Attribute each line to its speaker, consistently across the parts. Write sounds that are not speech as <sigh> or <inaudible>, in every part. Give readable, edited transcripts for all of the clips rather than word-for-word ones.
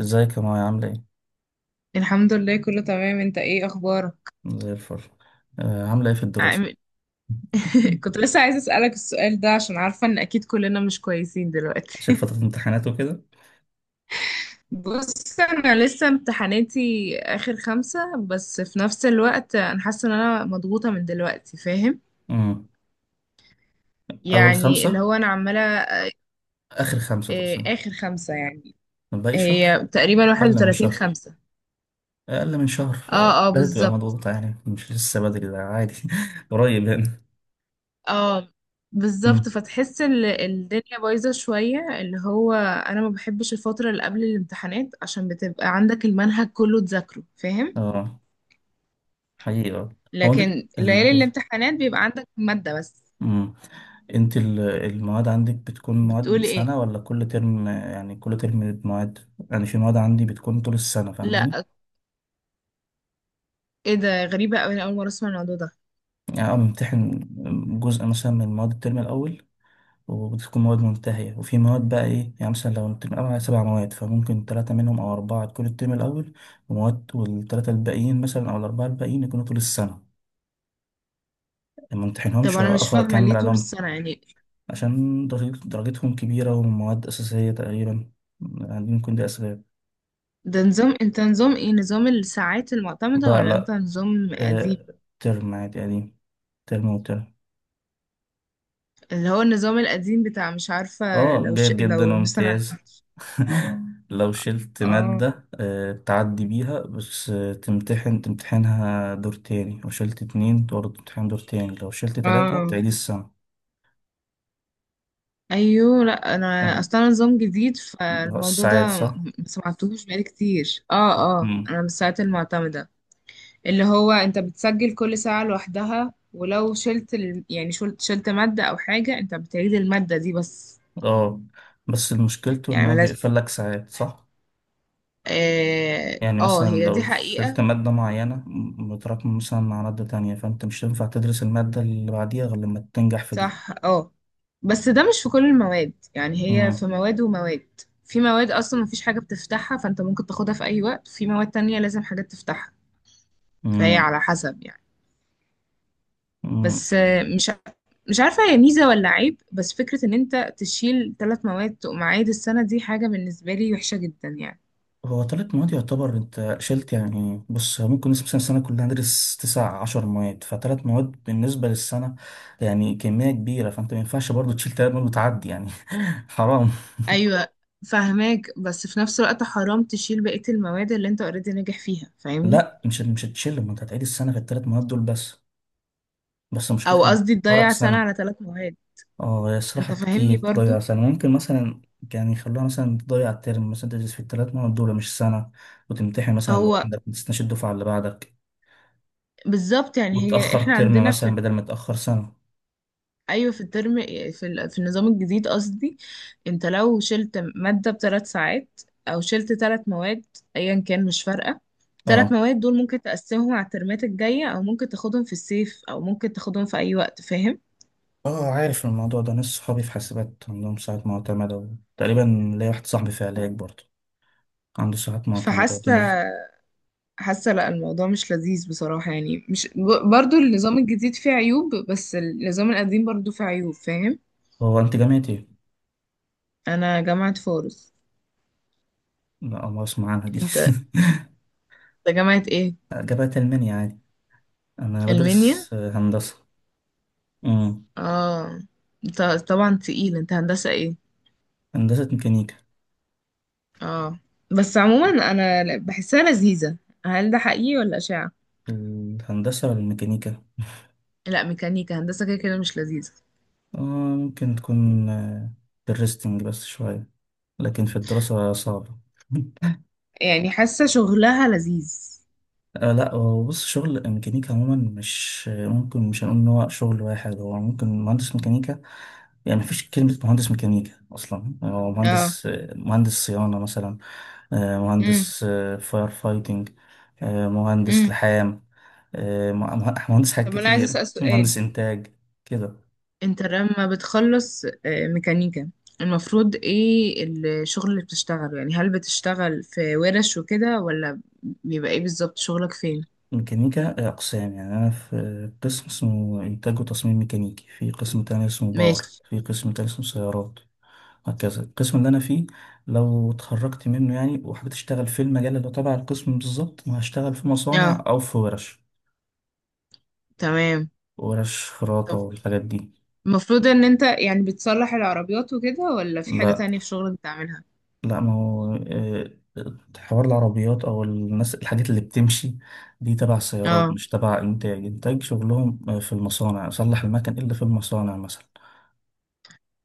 Speaker 1: ازيك يا مايا عاملة ايه؟
Speaker 2: الحمد لله كله تمام، انت ايه اخبارك؟
Speaker 1: زي الفل. عاملة ايه في الدراسة؟
Speaker 2: عامل- <laughs> كنت لسه عايزه اسالك السؤال ده عشان عارفه ان اكيد كلنا مش كويسين
Speaker 1: عشان
Speaker 2: دلوقتي.
Speaker 1: فترة
Speaker 2: <laughs>
Speaker 1: امتحانات وكده.
Speaker 2: بص انا لسه امتحاناتي اخر خمسة، بس في نفس الوقت انا حاسه ان انا مضغوطه من دلوقتي، فاهم؟
Speaker 1: امم أول
Speaker 2: يعني اللي
Speaker 1: خمسة.
Speaker 2: هو انا عماله
Speaker 1: آخر خمسة
Speaker 2: اه،
Speaker 1: تقصد.
Speaker 2: اخر خمسة يعني.
Speaker 1: باقي شهر.
Speaker 2: هي تقريبا
Speaker 1: أقل من
Speaker 2: 31
Speaker 1: شهر.
Speaker 2: خمسة.
Speaker 1: أقل من شهر
Speaker 2: اه اه،
Speaker 1: بدأت تبقى
Speaker 2: بالظبط.
Speaker 1: مضغوطة، يعني مش لسه بدري، ده عادي <laughs> قريب يعني.
Speaker 2: اه بالظبط،
Speaker 1: امم
Speaker 2: فتحس الدنيا بايظة شوية، اللي هو أنا ما بحبش الفترة اللي قبل الامتحانات عشان بتبقى عندك المنهج كله تذاكره، فاهم؟
Speaker 1: اه، حقيقة. هو انت
Speaker 2: لكن
Speaker 1: ال...
Speaker 2: ليالي الامتحانات بيبقى عندك مادة بس.
Speaker 1: امم انت المواد عندك بتكون مواد
Speaker 2: بتقولي ايه؟
Speaker 1: سنة ولا كل ترم، يعني كل ترم مواد؟ يعني في مواد عندي بتكون طول السنة، فاهماني؟
Speaker 2: لا، ايه ده؟ غريبة أوي، أنا أول مرة أسمع الموضوع ده.
Speaker 1: يعني أنا بمتحن جزء مثلا من مواد الترم الأول، وبتكون مواد منتهية، وفي مواد بقى إيه، يعني مثلا لو الترم الأول على 7 مواد فممكن تلاتة منهم أو أربعة تكون الترم الأول، ومواد والتلاتة الباقيين مثلا أو الأربعة الباقيين يكونوا طول السنة ما
Speaker 2: طب
Speaker 1: امتحنهمش
Speaker 2: أنا مش
Speaker 1: وآخد
Speaker 2: فاهمة
Speaker 1: أكمل
Speaker 2: ليه طول
Speaker 1: عليهم.
Speaker 2: السنة يعني؟
Speaker 1: عشان درجتهم كبيرة، ومواد أساسية تقريبا، يعني ممكن دي أسباب.
Speaker 2: ده نظام، انت نظام ايه؟ نظام الساعات المعتمدة
Speaker 1: لا
Speaker 2: ولا انت
Speaker 1: لا،
Speaker 2: نظام قديم؟
Speaker 1: آه، ترم عادي قديم، ترم وترم.
Speaker 2: اللي هو النظام القديم بتاع مش عارفة.
Speaker 1: اه،
Speaker 2: لو ش...
Speaker 1: جيد جدا
Speaker 2: لو مثلا.
Speaker 1: وامتياز. <laughs> لو شلت
Speaker 2: اه
Speaker 1: مادة تعدي بيها، بس تمتحنها دور تاني، لو شلت اتنين برضه تمتحن دور تاني، لو شلت
Speaker 2: اه
Speaker 1: تلاتة
Speaker 2: آه.
Speaker 1: تعيد السنة.
Speaker 2: ايوه، لا انا
Speaker 1: آه،
Speaker 2: اصلا نظام جديد، فالموضوع
Speaker 1: الساعات
Speaker 2: ده
Speaker 1: صح؟
Speaker 2: ما سمعتوش بقالي كتير. اه اه،
Speaker 1: مم.
Speaker 2: انا من الساعات المعتمده. اللي هو انت بتسجل كل ساعه لوحدها، ولو شلت ال... يعني شلت، ماده او حاجه، انت بتعيد الماده دي بس.
Speaker 1: اه. بس مشكلته ان
Speaker 2: يعني
Speaker 1: هو
Speaker 2: ملاش.
Speaker 1: بيقفل لك ساعات، صح؟
Speaker 2: اه
Speaker 1: يعني
Speaker 2: آه،
Speaker 1: مثلا
Speaker 2: هي دي
Speaker 1: لو شلت
Speaker 2: حقيقه.
Speaker 1: مادة معينة متراكمة مثلا مع مادة تانية، فانت مش هينفع تدرس المادة اللي بعديها غير لما تنجح في دي.
Speaker 2: صح اه، بس ده مش في كل المواد، يعني هي في
Speaker 1: مم.
Speaker 2: مواد ومواد. في مواد اصلا مفيش حاجه بتفتحها فانت ممكن تاخدها في اي وقت، في مواد تانية لازم حاجات تفتحها، فهي على حسب يعني.
Speaker 1: مم.
Speaker 2: بس آه، مش عارفة هي ميزة ولا عيب، بس فكرة ان انت تشيل ثلاث مواد تقوم عايد السنة دي حاجة بالنسبة لي وحشة جدا يعني.
Speaker 1: هو تلات مواد يعتبر انت شلت. يعني بص هو ممكن نسبة مثلا السنة كلها ندرس 19 مادة، فتلات مواد بالنسبة للسنة يعني كمية كبيرة، فانت ما ينفعش برضو تشيل تلات مواد وتعدي يعني. <laughs> حرام.
Speaker 2: ايوه فاهماك، بس في نفس الوقت حرام تشيل بقية المواد اللي انت اوريدي ناجح فيها، فاهمني؟
Speaker 1: لا مش هتشيل، ما انت هتعيد السنة في التلات مواد دول بس. بس مشكلتها
Speaker 2: او
Speaker 1: إن
Speaker 2: قصدي
Speaker 1: فرق
Speaker 2: تضيع سنة
Speaker 1: سنة.
Speaker 2: على ثلاث مواد.
Speaker 1: اه، هي
Speaker 2: انت
Speaker 1: صراحة كتير
Speaker 2: فاهمني
Speaker 1: تضيع
Speaker 2: برضو؟
Speaker 1: سنة ممكن مثلا. يعني يخلوها مثلا تضيع الترم مثلا، تدرس في التلات مواد دول مش سنة، وتمتحن مثلا
Speaker 2: هو
Speaker 1: لوحدك ما تستناش الدفعة اللي بعدك،
Speaker 2: بالظبط، يعني هي
Speaker 1: وتأخر
Speaker 2: احنا
Speaker 1: ترم
Speaker 2: عندنا
Speaker 1: مثلا
Speaker 2: في،
Speaker 1: بدل ما تأخر سنة.
Speaker 2: ايوه في الترم، في في النظام الجديد قصدي، انت لو شلت ماده بثلاث ساعات او شلت ثلاث مواد، ايا كان مش فارقه،
Speaker 1: اه.
Speaker 2: ثلاث مواد دول ممكن تقسمهم على الترمات الجايه، او ممكن تاخدهم في الصيف، او ممكن تاخدهم في اي وقت، فاهم؟
Speaker 1: اه عارف الموضوع ده، ناس صحابي في حاسبات عندهم ساعات معتمدة، تقريبا ليا واحد صاحبي في علاج برضه عنده ساعات معتمدة
Speaker 2: فحاسه،
Speaker 1: وتنزل.
Speaker 2: حاسه لا الموضوع مش لذيذ بصراحه، يعني مش ب- برضو النظام الجديد فيه عيوب، بس النظام القديم برضو فيه عيوب، فاهم؟
Speaker 1: هو انت جامعة ايه؟
Speaker 2: انا جامعه فاروس.
Speaker 1: لا ما اسمع عنها دي.
Speaker 2: انت،
Speaker 1: <laughs>
Speaker 2: انت جامعه ايه؟
Speaker 1: جامعة ألمانيا عادي، أنا
Speaker 2: المنيا.
Speaker 1: بدرس هندسة. امم.
Speaker 2: اه، انت، طبعا تقيل، انت هندسه ايه؟
Speaker 1: هندسة ميكانيكا.
Speaker 2: اه، بس عموما انا بحسها لذيذة. هل ده حقيقي ولا اشاعة؟
Speaker 1: الهندسة والميكانيكا؟
Speaker 2: لا ميكانيكا هندسة كده كده مش لذيذة.
Speaker 1: اه. ممكن تكون في الريستنج بس شوية، لكن في الدراسة صعبة. <laughs>
Speaker 2: يعني حاسة شغلها لذيذ.
Speaker 1: آه لا، هو بص شغل ميكانيكا عموما مش ممكن، مش هنقول ان هو شغل واحد، هو ممكن مهندس ميكانيكا، يعني مفيش كلمة مهندس ميكانيكا أصلا، هو
Speaker 2: اه.
Speaker 1: مهندس. مهندس صيانة مثلا،
Speaker 2: امم.
Speaker 1: مهندس فاير فايتنج، مهندس
Speaker 2: امم.
Speaker 1: لحام، مهندس حاجات
Speaker 2: طب انا عايزة
Speaker 1: كتير،
Speaker 2: اسأل سؤال،
Speaker 1: مهندس إنتاج كده.
Speaker 2: انت لما بتخلص ميكانيكا، المفروض ايه الشغل اللي بتشتغله؟ يعني هل بتشتغل في ورش وكده، ولا بيبقى ايه بالظبط شغلك فين؟
Speaker 1: ميكانيكا أقسام، يعني أنا في قسم اسمه إنتاج وتصميم ميكانيكي، في قسم تاني اسمه باور،
Speaker 2: ماشي.
Speaker 1: في قسم تاني اسمه سيارات، وهكذا. القسم اللي انا فيه لو اتخرجت منه، يعني وحبيت اشتغل في المجال اللي تبع القسم بالظبط، ما هشتغل في مصانع
Speaker 2: اه
Speaker 1: او في ورش،
Speaker 2: تمام.
Speaker 1: ورش خراطة
Speaker 2: طب
Speaker 1: والحاجات دي.
Speaker 2: المفروض ان انت يعني بتصلح العربيات وكده ولا في حاجة
Speaker 1: لا
Speaker 2: تانية في شغلك بتعملها؟
Speaker 1: لا، ما هو حوار العربيات او الناس، الحاجات اللي بتمشي دي تبع السيارات
Speaker 2: اه
Speaker 1: مش تبع انتاج. انتاج شغلهم في المصانع، اصلح المكن اللي في المصانع مثلا.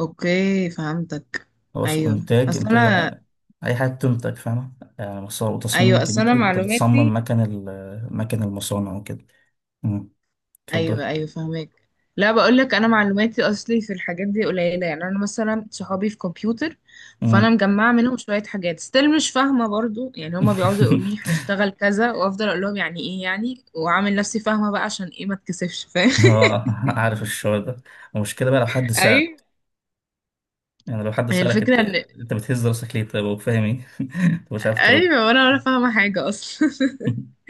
Speaker 2: اوكي فهمتك.
Speaker 1: خلاص،
Speaker 2: ايوه
Speaker 1: انتاج
Speaker 2: اصل
Speaker 1: انتاج
Speaker 2: انا
Speaker 1: يعني، اي حاجه بتنتج فاهمه، يعني مصانع وتصميم
Speaker 2: ايوه اصل انا
Speaker 1: ميكانيكي، انت بتصمم
Speaker 2: معلوماتي،
Speaker 1: مكن مكن المصانع وكده. مم.
Speaker 2: ايوه
Speaker 1: اتفضل.
Speaker 2: ايوه فهمك. لا بقول لك انا معلوماتي اصلي في الحاجات دي قليله، يعني انا مثلا صحابي في كمبيوتر، فانا
Speaker 1: مم.
Speaker 2: مجمعه منهم شويه حاجات ستيل مش فاهمه برضو، يعني هما بيقعدوا يقولوا لي
Speaker 1: <laughs>
Speaker 2: هنشتغل كذا، وافضل اقول لهم يعني ايه، يعني واعمل نفسي فاهمه بقى عشان ايه ما اتكسفش، فاهم؟
Speaker 1: اه عارف الشعور ده. المشكلة بقى لو حد
Speaker 2: <laughs>
Speaker 1: سأل،
Speaker 2: ايوه.
Speaker 1: يعني لو حد
Speaker 2: هي
Speaker 1: سألك انت،
Speaker 2: الفكره ان
Speaker 1: انت بتهز راسك ليه طيب وفاهم ايه؟ <laughs> انت مش عارف ترد.
Speaker 2: ايوه وانا ولا فاهمه حاجه اصلا. <laughs>
Speaker 1: <laughs>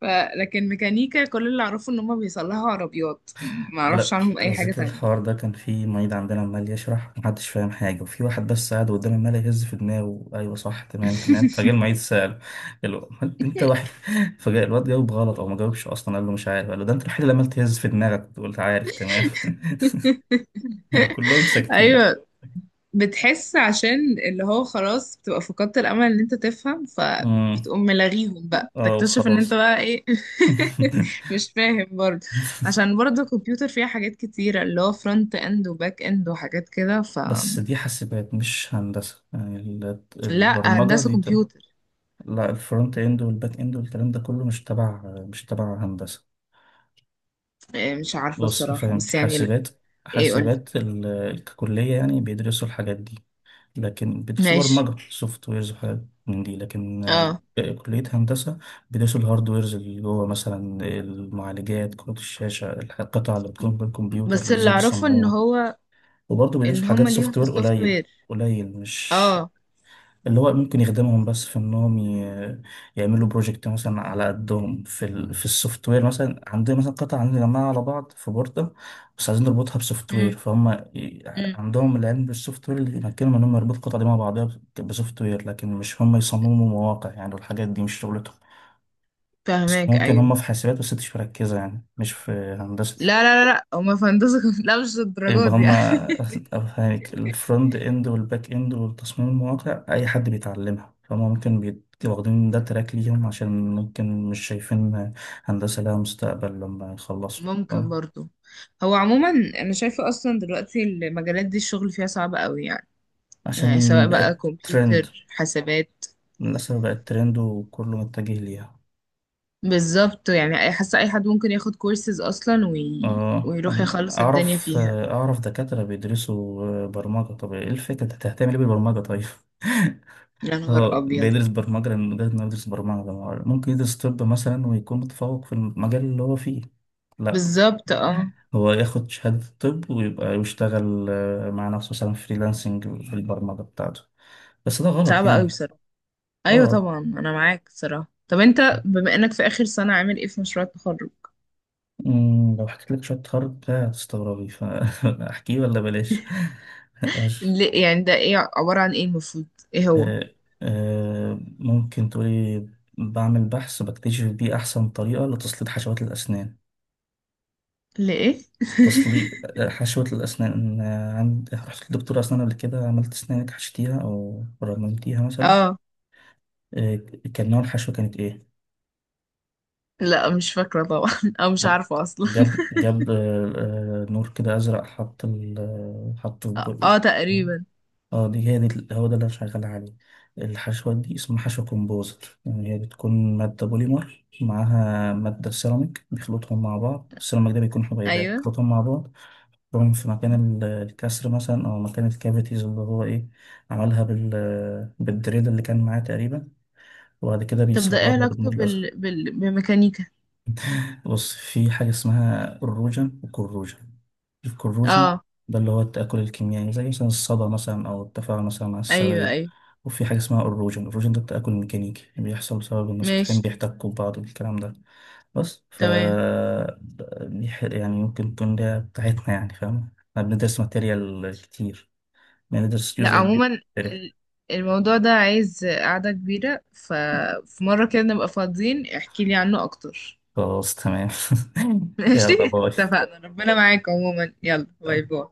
Speaker 2: ف... لكن ميكانيكا كل اللي اعرفه ان هم بيصلحوا عربيات، ما اعرفش
Speaker 1: على
Speaker 2: عنهم
Speaker 1: على
Speaker 2: اي حاجة
Speaker 1: ذكر
Speaker 2: تانية.
Speaker 1: الحوار ده، كان في معيد عندنا عمال يشرح، محدش فاهم حاجة، وفي واحد بس قاعد قدام عمال يهز في دماغه: أيوة صح، تمام تمام. فجاء المعيد
Speaker 2: <laughs>
Speaker 1: سأله، قال له: "أمال أنت وحيد". <laughs> فجاء الواد جاوب غلط أو ما جاوبش أصلا، قال له مش عارف. قال له: ده أنت الوحيد اللي عمال تهز في دماغك وأنت قلت عارف تمام. <laughs> يعني كلهم ساكتين.
Speaker 2: ايوه، بتحس عشان اللي هو خلاص بتبقى فقدت الامل ان انت تفهم،
Speaker 1: امم
Speaker 2: فبتقوم ملاغيهم بقى
Speaker 1: اه
Speaker 2: تكتشف ان انت
Speaker 1: وخلاص.
Speaker 2: بقى ايه.
Speaker 1: <laughs>
Speaker 2: <laughs> مش فاهم برضه، عشان برضه الكمبيوتر فيها حاجات كتيرة، اللي هو فرونت اند وباك اند وحاجات كده ف،
Speaker 1: بس دي حاسبات مش هندسة، يعني
Speaker 2: لا
Speaker 1: البرمجة
Speaker 2: هندسة
Speaker 1: دي
Speaker 2: كمبيوتر.
Speaker 1: لا الفرونت اند والباك اند والكلام ده كله مش تبع، مش تبع هندسة.
Speaker 2: إيه، مش عارفة
Speaker 1: بص
Speaker 2: الصراحة،
Speaker 1: فاهم،
Speaker 2: بس يعني
Speaker 1: حاسبات،
Speaker 2: ايه قولي.
Speaker 1: حاسبات ككلية يعني بيدرسوا الحاجات دي، لكن بيدرسوا
Speaker 2: ماشي.
Speaker 1: برمجة سوفت ويرز وحاجات من دي، لكن
Speaker 2: اه،
Speaker 1: كلية هندسة بيدرسوا الهاردويرز اللي جوه، مثلا المعالجات، كروت الشاشة، القطع اللي بتكون بالكمبيوتر
Speaker 2: بس اللي
Speaker 1: ازاي
Speaker 2: اعرفه ان
Speaker 1: بيصمموها،
Speaker 2: هو
Speaker 1: وبرضه بيدوس
Speaker 2: ان
Speaker 1: في حاجات
Speaker 2: هما ليهم
Speaker 1: سوفت
Speaker 2: في
Speaker 1: وير
Speaker 2: السوفت
Speaker 1: قليل.
Speaker 2: وير.
Speaker 1: قليل مش،
Speaker 2: اه.
Speaker 1: اللي هو ممكن يخدمهم بس في انهم يعملوا بروجكت مثلا على قدهم في في السوفت وير، مثلا عندنا مثلا قطعة، عندنا جماعة على بعض في بوردة، بس عايزين نربطها بسوفت
Speaker 2: امم.
Speaker 1: وير، فهم ي-
Speaker 2: امم.
Speaker 1: عندهم العلم بالسوفت وير اللي يمكنهم انهم يربطوا القطعة دي مع بعضها بسوفت وير، لكن مش هم يصمموا مواقع يعني، والحاجات دي مش شغلتهم. بس
Speaker 2: فاهماك
Speaker 1: ممكن
Speaker 2: ايوه.
Speaker 1: هم في حاسبات، بس مش مركزة، يعني مش في هندسة.
Speaker 2: لا هما في هندسة، <laughs> لا مش الدرجات
Speaker 1: يبقى
Speaker 2: دي يعني.
Speaker 1: هما، أفهمك، الفرونت إند والباك إند والتصميم المواقع أي حد بيتعلمها فهم ممكن واخدين ده تراك ليهم، عشان ممكن مش شايفين هندسة لها مستقبل لما يخلصوا،
Speaker 2: ممكن
Speaker 1: فاهم؟
Speaker 2: برضو. هو عموما انا شايفة اصلا دلوقتي المجالات دي الشغل فيها صعب قوي، يعني يعني سواء
Speaker 1: عشان
Speaker 2: بقى
Speaker 1: بقت ترند،
Speaker 2: كمبيوتر حسابات.
Speaker 1: للأسف بقت ترند وكله متجه ليها.
Speaker 2: بالظبط، يعني أي-، حاسة اي حد ممكن ياخد كورسز اصلا وي...
Speaker 1: اه
Speaker 2: ويروح يخلص الدنيا
Speaker 1: أعرف
Speaker 2: فيها.
Speaker 1: أعرف دكاترة بيدرسوا برمجة. طب إيه الفكرة أنت هتهتم ليه بالبرمجة طيب؟
Speaker 2: يا نهار
Speaker 1: هو
Speaker 2: ابيض.
Speaker 1: بيدرس برمجة لأن مجرد إنه يدرس برمجة، ما هو ممكن يدرس طب مثلا ويكون متفوق في المجال اللي هو فيه. لا،
Speaker 2: بالظبط اه،
Speaker 1: هو ياخد شهادة طب ويبقى يشتغل مع نفسه مثلا فريلانسنج في البرمجة بتاعته، بس ده غلط
Speaker 2: صعبة قوي.
Speaker 1: يعني.
Speaker 2: ايوه
Speaker 1: اه،
Speaker 2: طبعا انا معاك صراحة. طب انت بما انك في اخر سنة، عامل ايه في مشروع التخرج؟
Speaker 1: لو حكيت لك شوية تخرج ده هتستغربي، فأحكيه <laughs> ولا بلاش؟ <laughs> ماشي.
Speaker 2: ليه يعني؟ ده ايه؟ عبارة عن ايه المفروض؟ ايه هو؟
Speaker 1: آه، ممكن تقولي. بعمل بحث بكتشف بيه أحسن طريقة لتسليط حشوات الأسنان،
Speaker 2: ليه؟ <laughs>
Speaker 1: تصليق حشوة الأسنان. عند رحت لدكتور أسنان قبل كده، عملت أسنانك حشيتيها أو رممتيها مثلا؟
Speaker 2: اه،
Speaker 1: آه، كان نوع الحشوة كانت إيه؟
Speaker 2: لا مش فاكرة طبعا، او مش
Speaker 1: طب
Speaker 2: عارفة اصلا.
Speaker 1: جاب نور كده أزرق، حط ال حط في
Speaker 2: <laughs> اه
Speaker 1: بقي؟
Speaker 2: آه، تقريبا.
Speaker 1: اه، دي هي دي هو ده اللي أنا شغال عليه. الحشوة دي اسمها حشوة كومبوزر، يعني هي بتكون مادة بوليمر معاها مادة سيراميك، بيخلطهم مع بعض. السيراميك ده بيكون حبيبات،
Speaker 2: ايوه.
Speaker 1: بيخلطهم مع بعض، بروم في مكان الكسر مثلا او مكان الكافيتيز اللي هو ايه عملها بال بالدريل اللي كان معاه تقريبا، وبعد كده
Speaker 2: طب ده
Speaker 1: بيصلبها
Speaker 2: ايه علاقته
Speaker 1: بالنور الازرق.
Speaker 2: بال... بال... بالميكانيكا؟
Speaker 1: <laughs> بص في حاجه اسمها الروجن والكروجن. الكروجن
Speaker 2: اه.
Speaker 1: ده اللي هو التاكل الكيميائي، زي مثلا الصدى مثلا او التفاعل مثلا مع
Speaker 2: ايوه
Speaker 1: السوائل.
Speaker 2: ايوه.
Speaker 1: وفي حاجه اسمها الروجن، الروجن ده التاكل الميكانيكي، بيحصل بسبب ان السطحين
Speaker 2: ماشي.
Speaker 1: بيحتكوا ببعض الكلام ده. بس
Speaker 2: تمام.
Speaker 1: يعني ممكن تكون ده بتاعتنا يعني، فاهم؟ احنا بندرس ماتيريال كتير، بندرس
Speaker 2: لا
Speaker 1: جزء كبير من
Speaker 2: عموما
Speaker 1: التاريخ.
Speaker 2: ال- الموضوع ده عايز قعدة كبيرة، ففي مرة كده نبقى فاضيين احكي لي عنه اكتر.
Speaker 1: خلاص تمام. <laughs>
Speaker 2: ماشي
Speaker 1: يلا باي.
Speaker 2: اتفقنا، ربنا معاك عموما، يلا باي باي.